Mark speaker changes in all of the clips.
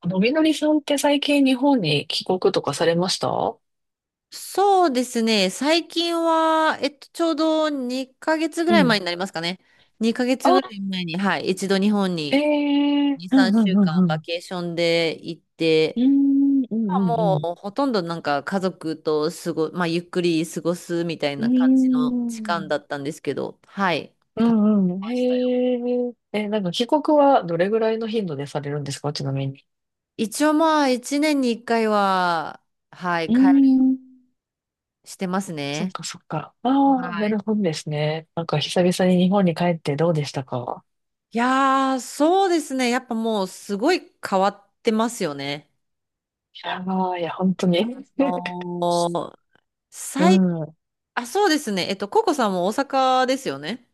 Speaker 1: あの、みのりさんって最近日本に帰国とかされました？う
Speaker 2: そうですね。最近は、ちょうど2ヶ月ぐらい前にな
Speaker 1: ん。
Speaker 2: りますかね。2ヶ月ぐらい前に、はい、一度日本
Speaker 1: え
Speaker 2: に
Speaker 1: え、
Speaker 2: 2、
Speaker 1: うん、う
Speaker 2: 3
Speaker 1: ん、
Speaker 2: 週
Speaker 1: うん、
Speaker 2: 間
Speaker 1: う
Speaker 2: バ
Speaker 1: ん。
Speaker 2: ケーションで行って、
Speaker 1: うーん、うん、うん、う
Speaker 2: も
Speaker 1: ん。
Speaker 2: うほとんど家族と過ご、まあ、ゆっくり過ごすみたい
Speaker 1: うう
Speaker 2: な感じの時間
Speaker 1: ん、
Speaker 2: だったんですけど、はい、
Speaker 1: う
Speaker 2: 楽しめ
Speaker 1: ん、ん。
Speaker 2: ましたよ。
Speaker 1: へえ、え、なんか帰国はどれぐらいの頻度でされるんですか、ちなみに。
Speaker 2: 一応まあ、1年に1回は、はい、
Speaker 1: うー
Speaker 2: 帰る
Speaker 1: ん。
Speaker 2: してます
Speaker 1: そっ
Speaker 2: ね。
Speaker 1: かそっか。ああ、
Speaker 2: は
Speaker 1: な
Speaker 2: い。
Speaker 1: るほどですね。なんか久々に日本に帰ってどうでしたか？
Speaker 2: いやー、そうですね。やっぱもうすごい変わってますよね。
Speaker 1: いやー、いや、本当に。
Speaker 2: あ のー
Speaker 1: う
Speaker 2: 最、
Speaker 1: ん。
Speaker 2: あ、そうですね。ココさんも大阪ですよね。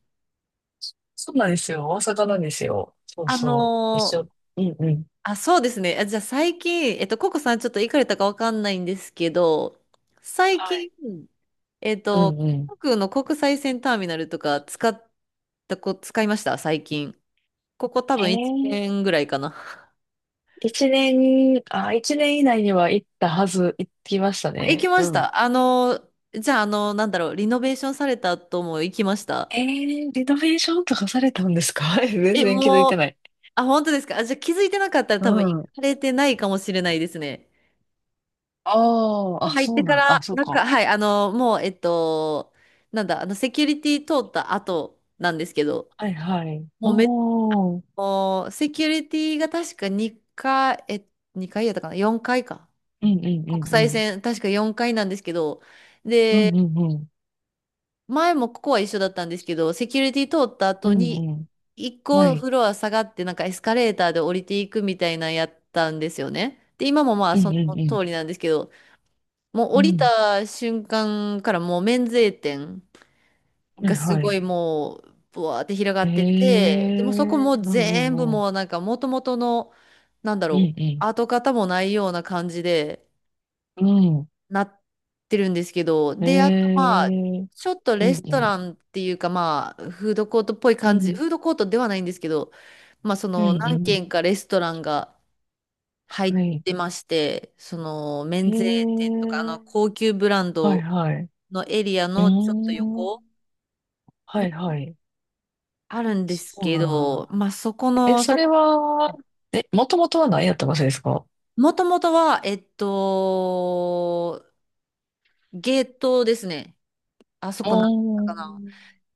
Speaker 1: そうなんですよ。大阪なんですよ。そう
Speaker 2: あ
Speaker 1: そう。一
Speaker 2: のー
Speaker 1: 緒。うんうん。
Speaker 2: あ、そうですね。あ、じゃあ最近、ココさんちょっと行かれたかわかんないんですけど、最
Speaker 1: は
Speaker 2: 近、
Speaker 1: い。
Speaker 2: えっ
Speaker 1: う
Speaker 2: と、
Speaker 1: んうん。
Speaker 2: 航空の国際線ターミナルとか使いました最近？ここ多
Speaker 1: へ
Speaker 2: 分1
Speaker 1: え、
Speaker 2: 年ぐらいかな。
Speaker 1: 一年、あ、一年以内には行ったはず、行きました
Speaker 2: あ、行
Speaker 1: ね。
Speaker 2: きま
Speaker 1: う
Speaker 2: し
Speaker 1: ん。
Speaker 2: た。あの、じゃあ、あの、なんだろう、リノベーションされた後も行きました。
Speaker 1: えー、リノベーションとかされたんですか？ 全
Speaker 2: え、
Speaker 1: 然気づい
Speaker 2: も
Speaker 1: て
Speaker 2: う、
Speaker 1: ない。
Speaker 2: あ、本当ですか？あ、じゃあ気づいてなかったら
Speaker 1: う
Speaker 2: 多分行
Speaker 1: ん。あ
Speaker 2: かれてないかもしれないですね。
Speaker 1: あ、あ、
Speaker 2: 入っ
Speaker 1: そ
Speaker 2: て
Speaker 1: う
Speaker 2: か
Speaker 1: なの。
Speaker 2: ら、
Speaker 1: あ、そう
Speaker 2: なんか、
Speaker 1: か。
Speaker 2: はい、あの、もう、えっと、なんだ、あの、セキュリティ通った後なんですけど、
Speaker 1: はいはい。
Speaker 2: もうめ、
Speaker 1: おー。
Speaker 2: もう、セキュリティが確か2回、え、2回やったかな？ 4 回か。
Speaker 1: うん、うん、う
Speaker 2: 国
Speaker 1: ん、う
Speaker 2: 際
Speaker 1: ん。
Speaker 2: 線、確か4回なんですけど、
Speaker 1: うん、
Speaker 2: で、
Speaker 1: うん、うん。
Speaker 2: 前もここは一緒だったんですけど、セキュリティ通った
Speaker 1: う
Speaker 2: 後
Speaker 1: ん
Speaker 2: に、
Speaker 1: う
Speaker 2: 一
Speaker 1: ん。は
Speaker 2: 個
Speaker 1: い。
Speaker 2: フロア下がって、なんかエスカレーターで降りていくみたいなのやったんですよね。で、今もまあ
Speaker 1: うん、
Speaker 2: そ
Speaker 1: う
Speaker 2: の
Speaker 1: ん、うん。
Speaker 2: 通りなんですけど、もう
Speaker 1: う
Speaker 2: 降り
Speaker 1: ん。
Speaker 2: た瞬間からもう免税店
Speaker 1: は
Speaker 2: が
Speaker 1: い
Speaker 2: す
Speaker 1: は
Speaker 2: ご
Speaker 1: い。
Speaker 2: いもう、ブワーって広が
Speaker 1: え
Speaker 2: っ
Speaker 1: え
Speaker 2: てて、でもそこも
Speaker 1: ー。
Speaker 2: う
Speaker 1: うん、う
Speaker 2: 全部
Speaker 1: ん、うん。
Speaker 2: もうなんか元々の、なんだ
Speaker 1: うん
Speaker 2: ろう、
Speaker 1: うん。
Speaker 2: 跡形もないような感じで、
Speaker 1: うん。
Speaker 2: なってるんですけど、
Speaker 1: え
Speaker 2: で、あとまあ、
Speaker 1: えー。
Speaker 2: ちょっと
Speaker 1: う
Speaker 2: レ
Speaker 1: ん
Speaker 2: ス
Speaker 1: う
Speaker 2: ト
Speaker 1: ん。
Speaker 2: ランっていうかまあ、フードコートっぽい
Speaker 1: う
Speaker 2: 感じ、
Speaker 1: ん、
Speaker 2: フードコートではないんですけど、まあそ
Speaker 1: う
Speaker 2: の
Speaker 1: ん、う
Speaker 2: 何
Speaker 1: ん。
Speaker 2: 軒かレストランが入
Speaker 1: は
Speaker 2: っ
Speaker 1: い。
Speaker 2: てまして、その
Speaker 1: へ
Speaker 2: 免税店とかあの
Speaker 1: え、
Speaker 2: 高級ブラン
Speaker 1: はい
Speaker 2: ド
Speaker 1: はい。う
Speaker 2: のエリア
Speaker 1: ー
Speaker 2: のちょっと
Speaker 1: ん、
Speaker 2: 横
Speaker 1: はい
Speaker 2: に
Speaker 1: はい。
Speaker 2: あるんで
Speaker 1: そ
Speaker 2: す
Speaker 1: う
Speaker 2: け
Speaker 1: なん
Speaker 2: ど、
Speaker 1: だ。
Speaker 2: まあそこ
Speaker 1: え、
Speaker 2: の、
Speaker 1: そ
Speaker 2: そ
Speaker 1: れ
Speaker 2: こ、
Speaker 1: は、え、もともとは何やった場所ですか？
Speaker 2: もともとは、ゲートですね。あそ
Speaker 1: あ
Speaker 2: こなんだった
Speaker 1: ー、
Speaker 2: かな。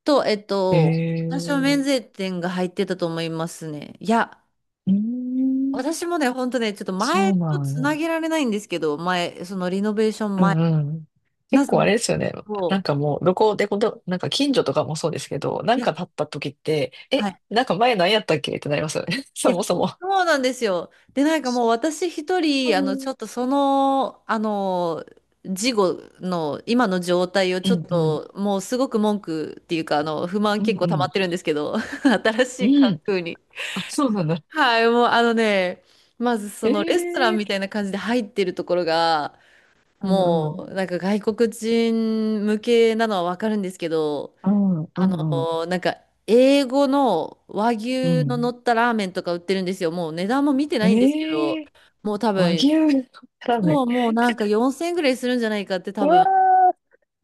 Speaker 2: と、えっ
Speaker 1: へ
Speaker 2: と、
Speaker 1: え、
Speaker 2: 私は免
Speaker 1: う
Speaker 2: 税店が入ってたと思いますね。いや、
Speaker 1: ーん、
Speaker 2: 私もね、ほんとね、ちょっと
Speaker 1: そ
Speaker 2: 前
Speaker 1: う
Speaker 2: と
Speaker 1: なん
Speaker 2: つな
Speaker 1: や。
Speaker 2: げられないんですけど、前、そのリノベーション
Speaker 1: う
Speaker 2: 前、
Speaker 1: んうん。
Speaker 2: な
Speaker 1: 結
Speaker 2: ぜ
Speaker 1: 構あ
Speaker 2: も、
Speaker 1: れですよね。な
Speaker 2: そ
Speaker 1: んかもう、どこでこと、近所とかもそうですけど、な
Speaker 2: うい
Speaker 1: ん
Speaker 2: や、
Speaker 1: か立った時って、
Speaker 2: は
Speaker 1: え、
Speaker 2: い。
Speaker 1: なんか前何やったっけってなりますよね。
Speaker 2: い
Speaker 1: そ
Speaker 2: や、
Speaker 1: もそも。
Speaker 2: そうなんですよ。で、なんかもう私一
Speaker 1: う
Speaker 2: 人、あの、ちょ
Speaker 1: ん
Speaker 2: っとその、あの、事後の今の状態を
Speaker 1: う
Speaker 2: ちょっ
Speaker 1: ん。
Speaker 2: と、もうすごく文句っていうか、あの、不満
Speaker 1: うん
Speaker 2: 結構
Speaker 1: う
Speaker 2: 溜ま
Speaker 1: ん。
Speaker 2: ってるんですけど、新し
Speaker 1: う
Speaker 2: い環
Speaker 1: ん。
Speaker 2: 境に。
Speaker 1: あ、そうなんだ。
Speaker 2: はい、もうあのね、まずそのレストラン
Speaker 1: え
Speaker 2: み
Speaker 1: え、
Speaker 2: たいな感じで入ってるところが、
Speaker 1: うん
Speaker 2: も
Speaker 1: うん。
Speaker 2: うなんか外国人向けなのはわかるんですけど、
Speaker 1: うん、う
Speaker 2: あ
Speaker 1: ん、うん、
Speaker 2: の、なんか英語の和
Speaker 1: う
Speaker 2: 牛の乗
Speaker 1: ん。
Speaker 2: ったラーメンとか売ってるんですよ。もう値段も見てないんですけど、
Speaker 1: ええ、
Speaker 2: もう多
Speaker 1: 和
Speaker 2: 分、
Speaker 1: 牛のラーメ
Speaker 2: そ
Speaker 1: ン。
Speaker 2: う、もうなんか4000円ぐらいするんじゃないかって
Speaker 1: う
Speaker 2: 多
Speaker 1: わ
Speaker 2: 分。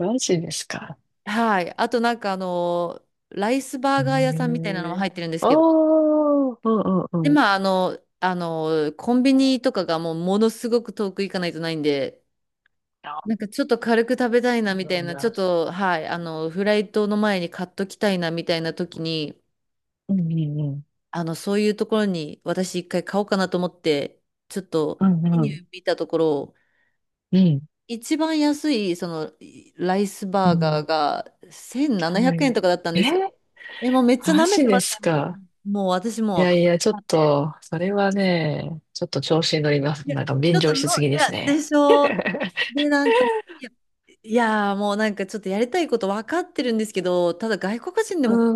Speaker 1: ー、マジですか。
Speaker 2: はい。あとなんかあの、ライスバ
Speaker 1: え
Speaker 2: ーガー屋さんみたいなのも
Speaker 1: え、
Speaker 2: 入ってるんですけど、
Speaker 1: おー、うん、う
Speaker 2: で、
Speaker 1: ん、うん。
Speaker 2: コンビニとかがもうものすごく遠く行かないとないんで、なん
Speaker 1: あ、
Speaker 2: かちょっと軽く食べたいな
Speaker 1: そう
Speaker 2: みた
Speaker 1: な
Speaker 2: い
Speaker 1: ん
Speaker 2: な、ちょっ
Speaker 1: だ。
Speaker 2: と、はい、あの、フライトの前に買っときたいなみたいな時に、
Speaker 1: うん、うん、うん。
Speaker 2: あの、そういうところに私一回買おうかなと思って、ちょっと
Speaker 1: うん
Speaker 2: メ
Speaker 1: う
Speaker 2: ニュ
Speaker 1: ん。
Speaker 2: ー見たところ、
Speaker 1: うん。
Speaker 2: 一番安い、その、ライス
Speaker 1: う
Speaker 2: バーガー
Speaker 1: ん。
Speaker 2: が1700
Speaker 1: は
Speaker 2: 円
Speaker 1: い。
Speaker 2: とかだったんですよ。
Speaker 1: え、
Speaker 2: え、もうめっちゃ
Speaker 1: マ
Speaker 2: 舐め
Speaker 1: ジ
Speaker 2: てま
Speaker 1: で
Speaker 2: す
Speaker 1: す
Speaker 2: ね。も
Speaker 1: か。
Speaker 2: う、もう私
Speaker 1: い
Speaker 2: もう、は
Speaker 1: やいや、ちょっ
Speaker 2: っって
Speaker 1: と、それはね、ちょっと調子に乗りま
Speaker 2: い
Speaker 1: す。
Speaker 2: や、ち
Speaker 1: なんか
Speaker 2: ょ
Speaker 1: 便
Speaker 2: っと
Speaker 1: 乗し
Speaker 2: の、
Speaker 1: す
Speaker 2: い
Speaker 1: ぎです
Speaker 2: や、で
Speaker 1: ね。
Speaker 2: しょう。で、なんか、いや、いやもうなんかちょっとやりたいこと分かってるんですけど、ただ外国人でも
Speaker 1: う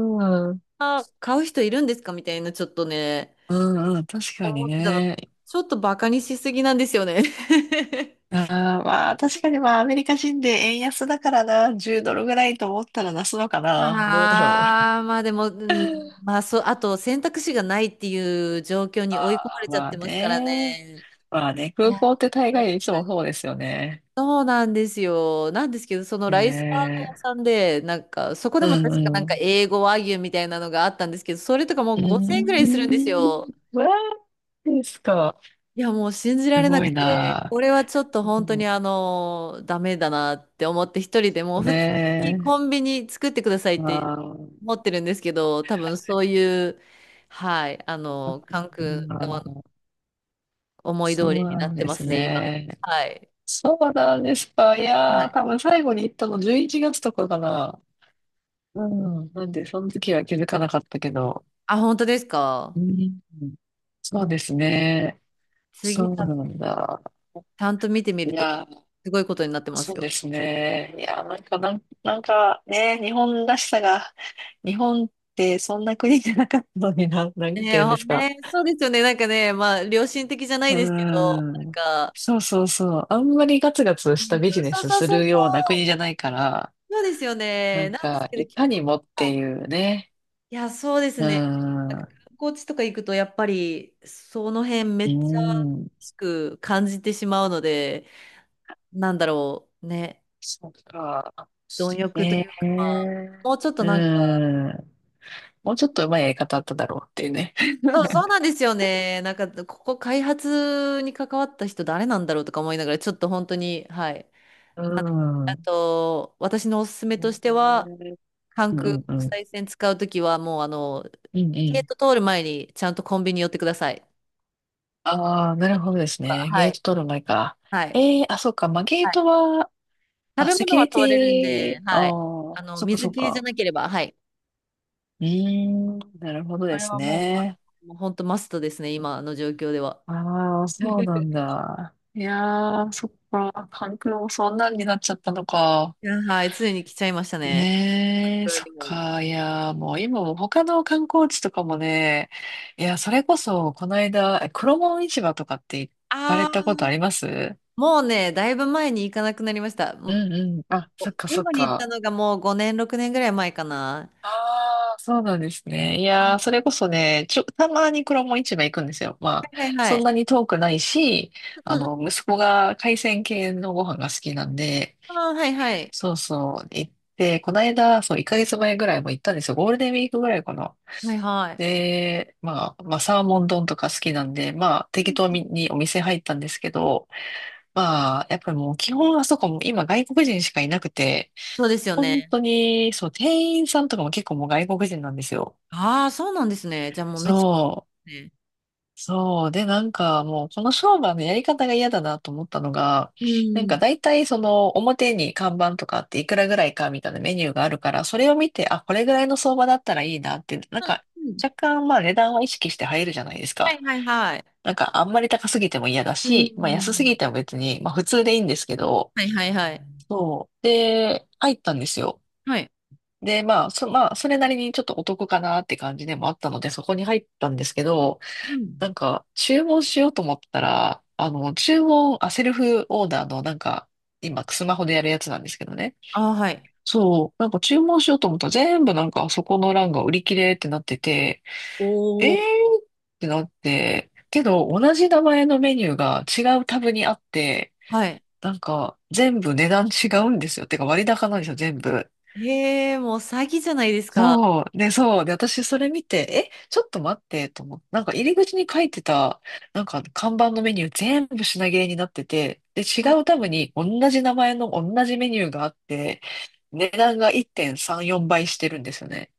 Speaker 1: ん。う
Speaker 2: あ買う人いるんですかみたいな、ちょっとね、
Speaker 1: んうん。確かに
Speaker 2: 思ってたの。
Speaker 1: ね。
Speaker 2: ちょっとバカにしすぎなんですよね。
Speaker 1: ああ、まあ、確かにまあ、アメリカ人で円安だからな、10ドルぐらいと思ったら出すのかな。どうだろ
Speaker 2: でも、う
Speaker 1: う。
Speaker 2: ん、まあそう、あと選択肢がないっていう状況に追い込まれちゃっ
Speaker 1: まあ
Speaker 2: てますから
Speaker 1: ね。
Speaker 2: ね。
Speaker 1: まあね、
Speaker 2: い
Speaker 1: 空
Speaker 2: や、
Speaker 1: 港って大
Speaker 2: 確
Speaker 1: 概いつ
Speaker 2: か
Speaker 1: も
Speaker 2: に
Speaker 1: そうですよね。
Speaker 2: そうなんですよ。なんですけど、そのライスバーガー屋
Speaker 1: ね
Speaker 2: さんで、なんか、そこで
Speaker 1: え。う
Speaker 2: も
Speaker 1: ん
Speaker 2: 確かなん
Speaker 1: う
Speaker 2: か
Speaker 1: ん。
Speaker 2: 英語和牛みたいなのがあったんですけど、それとかもう
Speaker 1: う
Speaker 2: 5000円ぐら
Speaker 1: ー
Speaker 2: いするんです
Speaker 1: ん。
Speaker 2: よ。
Speaker 1: わーですか。
Speaker 2: いや、もう信じら
Speaker 1: す
Speaker 2: れな
Speaker 1: ご
Speaker 2: く
Speaker 1: い
Speaker 2: て、
Speaker 1: な。
Speaker 2: これはちょっと
Speaker 1: う
Speaker 2: 本当にあの、ダメだなって思って、一人でもう
Speaker 1: ん、
Speaker 2: 普通に
Speaker 1: ね
Speaker 2: コンビニ作ってください
Speaker 1: え。
Speaker 2: って
Speaker 1: まあ、う
Speaker 2: 思ってるんですけど、多分そういう、はい、あの、関空側の
Speaker 1: ん。
Speaker 2: 思い
Speaker 1: そう
Speaker 2: 通りに
Speaker 1: な
Speaker 2: なっ
Speaker 1: ん
Speaker 2: て
Speaker 1: で
Speaker 2: ま
Speaker 1: す
Speaker 2: すね、今。
Speaker 1: ね。
Speaker 2: はい。
Speaker 1: そうなんですか。い
Speaker 2: は
Speaker 1: やー、
Speaker 2: い。
Speaker 1: 多分最後に行ったの11月とかかな。うん。なんで、その時は気づかなかったけど。
Speaker 2: あ、本当ですか？
Speaker 1: うん。そ
Speaker 2: も
Speaker 1: う
Speaker 2: う
Speaker 1: ですね。
Speaker 2: 次
Speaker 1: そ
Speaker 2: 食
Speaker 1: うなんだ。
Speaker 2: ちゃんと見てみ
Speaker 1: い
Speaker 2: ると、
Speaker 1: や、
Speaker 2: すごいことになってます
Speaker 1: そうで
Speaker 2: よ。
Speaker 1: すね。いや、なんか、なん、なんかね、日本らしさが、日本ってそんな国じゃなかったのにな、なん
Speaker 2: ね
Speaker 1: て
Speaker 2: え、
Speaker 1: 言うん
Speaker 2: ほ
Speaker 1: ですか。
Speaker 2: ねえ、そうですよね。なんかね、まあ、良心的じゃな
Speaker 1: う
Speaker 2: い
Speaker 1: ー
Speaker 2: ですけど、なん
Speaker 1: ん。
Speaker 2: か、
Speaker 1: そうそうそう。あんまりガツガツした
Speaker 2: 人
Speaker 1: ビジ
Speaker 2: 情、
Speaker 1: ネ
Speaker 2: そう
Speaker 1: ス
Speaker 2: そう
Speaker 1: す
Speaker 2: そう
Speaker 1: る
Speaker 2: そ
Speaker 1: ような国
Speaker 2: う、
Speaker 1: じゃないから、
Speaker 2: そうですよ
Speaker 1: な
Speaker 2: ね。
Speaker 1: ん
Speaker 2: なんです
Speaker 1: か、
Speaker 2: けど、
Speaker 1: い
Speaker 2: 結
Speaker 1: かに
Speaker 2: 構、
Speaker 1: もっていうね。
Speaker 2: いや、そうです
Speaker 1: うー
Speaker 2: ね。なん
Speaker 1: ん。
Speaker 2: か
Speaker 1: う
Speaker 2: 観光地とか行くと、やっぱり、その辺め
Speaker 1: ー
Speaker 2: っちゃ、
Speaker 1: ん。
Speaker 2: しく感じてしまうので、なんだろう、ね、
Speaker 1: そっか。
Speaker 2: 貪欲と
Speaker 1: え
Speaker 2: いうか、まあ、
Speaker 1: え、
Speaker 2: もうちょっと
Speaker 1: う
Speaker 2: なんか、
Speaker 1: ん。もうちょっと上手いやり方あっただろうっていうね。
Speaker 2: そう、そうなんですよね。なんか、ここ開発に関わった人誰なんだろうとか思いながら、ちょっと本当に、はい。
Speaker 1: うん。う
Speaker 2: あ
Speaker 1: ん、
Speaker 2: と、私のおすすめとしては、関
Speaker 1: う
Speaker 2: 空
Speaker 1: ん、
Speaker 2: 国
Speaker 1: うん。
Speaker 2: 際線使うときは、もう、あの、
Speaker 1: うんう
Speaker 2: ゲー
Speaker 1: ん。
Speaker 2: ト通る前に、ちゃんとコンビニ寄ってください。
Speaker 1: ああ、なるほどですね。
Speaker 2: は
Speaker 1: ゲー
Speaker 2: い。
Speaker 1: ト取る前か。
Speaker 2: はい。
Speaker 1: ええ、あ、そうか。まあ、ゲ
Speaker 2: は
Speaker 1: ー
Speaker 2: い。
Speaker 1: トは、
Speaker 2: 食
Speaker 1: あ、
Speaker 2: べ
Speaker 1: セキ
Speaker 2: 物
Speaker 1: ュ
Speaker 2: は
Speaker 1: リ
Speaker 2: 通れるん
Speaker 1: テ
Speaker 2: で、
Speaker 1: ィ、あ、
Speaker 2: はい。あ
Speaker 1: あ、
Speaker 2: の、
Speaker 1: そっかそ
Speaker 2: 水
Speaker 1: っ
Speaker 2: 系じゃ
Speaker 1: か。
Speaker 2: なければ、はい。
Speaker 1: うーん、なるほど
Speaker 2: こ
Speaker 1: で
Speaker 2: れ
Speaker 1: す
Speaker 2: はもう、ま、
Speaker 1: ね。
Speaker 2: もう本当マストですね、今の状況では。
Speaker 1: ああ、そうなん だ。いやー、そっか。関空もそんなんになっちゃったのか。
Speaker 2: いや、はい。ついに来ちゃいましたね。
Speaker 1: ねえ、
Speaker 2: 空
Speaker 1: そっ
Speaker 2: にも。
Speaker 1: か。いやー、もう今も他の観光地とかもね、いや、それこそ、この間、え、黒門市場とかって行か
Speaker 2: あ
Speaker 1: れたことあ
Speaker 2: あ。
Speaker 1: ります？
Speaker 2: もうね、だいぶ前に行かなくなりました。も
Speaker 1: う
Speaker 2: う
Speaker 1: んうん。あ、そっか
Speaker 2: 最
Speaker 1: そっ
Speaker 2: 後に行った
Speaker 1: か。
Speaker 2: のがもう5年、6年ぐらい前かな。
Speaker 1: ああ、そうなんですね。いやー、それこそね、ちょ、たまに黒門市場行くんですよ。まあ、
Speaker 2: はいはいは
Speaker 1: そん
Speaker 2: い。
Speaker 1: なに遠くないし、あ
Speaker 2: うんうん、
Speaker 1: の、息子が海鮮系のご飯が好きなんで、
Speaker 2: ああ、はいはい。
Speaker 1: そうそう、行って、この間、そう、1ヶ月前ぐらいも行ったんですよ。ゴールデンウィークぐらいかな。
Speaker 2: はいはい。
Speaker 1: で、まあ、まあ、サーモン丼とか好きなんで、まあ、適当
Speaker 2: うん、
Speaker 1: にお店入ったんですけど、まあ、やっぱりもう基本あそこも今外国人しかいなくて、
Speaker 2: そうですよ
Speaker 1: 本
Speaker 2: ね。
Speaker 1: 当に、そう、店員さんとかも結構もう外国人なんですよ。
Speaker 2: ああ、そうなんですね。じゃあもうめっち
Speaker 1: そ
Speaker 2: ゃ、ね。
Speaker 1: う、そう。で、なんかもうこの商売のやり方が嫌だなと思ったのが、
Speaker 2: うん。
Speaker 1: なん
Speaker 2: う
Speaker 1: か
Speaker 2: ん
Speaker 1: 大体その表に看板とかあって、いくらぐらいかみたいなメニューがあるから、それを見て、あ、これぐらいの相場だったらいいなって、なんか
Speaker 2: うん、
Speaker 1: 若干まあ値段は意識して入るじゃないです
Speaker 2: は
Speaker 1: か。
Speaker 2: いはいはい。
Speaker 1: なんかあんまり高すぎても嫌だ
Speaker 2: う
Speaker 1: し、まあ安すぎ
Speaker 2: ん。
Speaker 1: ても別に、まあ普通でいいんですけど、
Speaker 2: はいはいはい。
Speaker 1: そう。で、入ったんですよ。
Speaker 2: はい。
Speaker 1: で、まあ、そ、まあ、それなりにちょっとお得かなって感じでもあったので、そこに入ったんですけど、
Speaker 2: うん。
Speaker 1: なんか、注文しようと思ったら、あの、注文、あ、セルフオーダーの、なんか、今、スマホでやるやつなんですけどね。
Speaker 2: ああ、はい。
Speaker 1: そう、なんか注文しようと思ったら、全部なんか、そこの欄が売り切れってなってて、
Speaker 2: お
Speaker 1: えー
Speaker 2: お。
Speaker 1: ってなって、けど同じ名前のメニューが違うタブにあって、
Speaker 2: はい。
Speaker 1: なんか全部値段違うんですよ。てか割高なんですよ、全部。
Speaker 2: ええ、もう詐欺じゃないですか。
Speaker 1: そう。で、そう。で、私それ見て、え、ちょっと待ってと思って、なんか入り口に書いてた、なんか看板のメニュー全部品切れになってて、で、違うタブに同じ名前の同じメニューがあって、値段が1.34倍してるんですよね。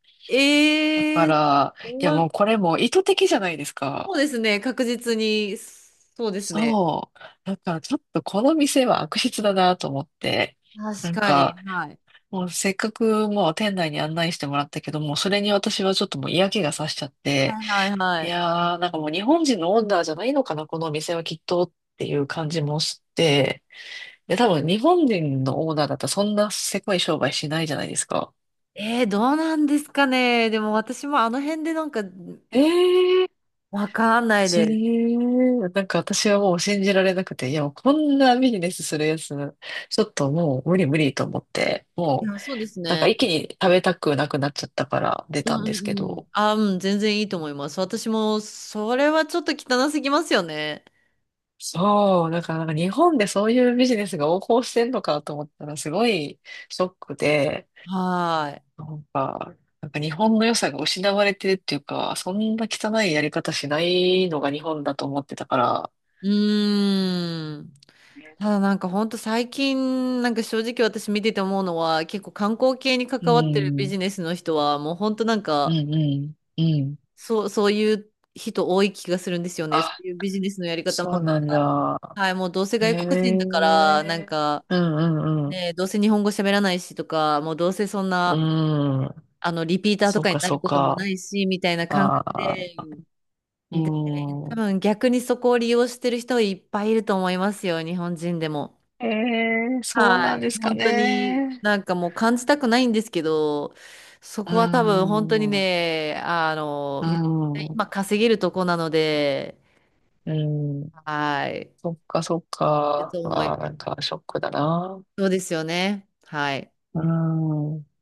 Speaker 1: だか
Speaker 2: ええ、
Speaker 1: ら、いや
Speaker 2: そ
Speaker 1: もうこれも意図的じゃないですか。
Speaker 2: うですね。確実に、そうですね。
Speaker 1: そう。だからちょっとこの店は悪質だなと思って、
Speaker 2: 確
Speaker 1: なん
Speaker 2: かに。
Speaker 1: か、
Speaker 2: はい。
Speaker 1: もうせっかくもう店内に案内してもらったけども、それに私はちょっともう嫌気がさしちゃって、
Speaker 2: はいはい
Speaker 1: い
Speaker 2: はい。
Speaker 1: やー、なんかもう日本人のオーナーじゃないのかな、このお店はきっとっていう感じもして、で、多分日本人のオーナーだったらそんなせこい商売しないじゃないですか。
Speaker 2: えー、どうなんですかね。でも私もあの辺でなんか、
Speaker 1: ええー。
Speaker 2: わかんない
Speaker 1: え
Speaker 2: です。
Speaker 1: ー、なんか私はもう信じられなくて、いやもうこんなビジネスするやつ、ちょっともう無理無理と思って、
Speaker 2: い
Speaker 1: もう
Speaker 2: や、そうです
Speaker 1: なんか
Speaker 2: ね。
Speaker 1: 一気に食べたくなくなっちゃったから出
Speaker 2: う
Speaker 1: たん
Speaker 2: ん
Speaker 1: で
Speaker 2: う
Speaker 1: すけ
Speaker 2: んうん。
Speaker 1: ど。
Speaker 2: あ、うん、全然いいと思います。私も、それはちょっと汚すぎますよね。
Speaker 1: そう、だからなんか日本でそういうビジネスが横行してんのかと思ったらすごいショックで、
Speaker 2: はーい。
Speaker 1: なんか、なんか日本の良さが失われてるっていうか、そんな汚いやり方しないのが日本だと思ってたから、
Speaker 2: うーん。ただなんかほんと最近、なんか正直私見てて思うのは、結構観光系に
Speaker 1: う
Speaker 2: 関わってるビ
Speaker 1: ん、
Speaker 2: ジネスの人は、もうほんとなん
Speaker 1: う
Speaker 2: か、
Speaker 1: ん、うん、うん。
Speaker 2: そう、そういう人多い気がするんですよね。そう
Speaker 1: あ、
Speaker 2: いうビジネスのやり方
Speaker 1: そ
Speaker 2: も、
Speaker 1: うなんだ。
Speaker 2: はい、もうどうせ
Speaker 1: へ
Speaker 2: 外国人だから、なん
Speaker 1: え。
Speaker 2: か、
Speaker 1: うん、うん、うん。
Speaker 2: ね、どうせ日本語喋らないしとか、もうどうせそんな、
Speaker 1: うん。
Speaker 2: あの、リピーターと
Speaker 1: そう
Speaker 2: かに
Speaker 1: か、
Speaker 2: な
Speaker 1: そ
Speaker 2: る
Speaker 1: う
Speaker 2: ことも
Speaker 1: か。
Speaker 2: ないし、みたいな感覚
Speaker 1: あ
Speaker 2: で、
Speaker 1: あ、う
Speaker 2: で、多
Speaker 1: ん。
Speaker 2: 分逆にそこを利用してる人いっぱいいると思いますよ、日本人でも。
Speaker 1: ええ、そう
Speaker 2: は
Speaker 1: なん
Speaker 2: い。
Speaker 1: ですか
Speaker 2: 本当に
Speaker 1: ね。
Speaker 2: なんかもう感じたくないんですけど、そ
Speaker 1: うー
Speaker 2: こは多分本当に
Speaker 1: ん、う
Speaker 2: ね、あ
Speaker 1: ー
Speaker 2: の、
Speaker 1: ん、
Speaker 2: 今稼げるとこなので、
Speaker 1: うん。
Speaker 2: はい。
Speaker 1: そっかそっ
Speaker 2: いる
Speaker 1: か。
Speaker 2: と思
Speaker 1: あ
Speaker 2: い
Speaker 1: あ、なんかショックだな。
Speaker 2: そうですよね。はい。
Speaker 1: うーん。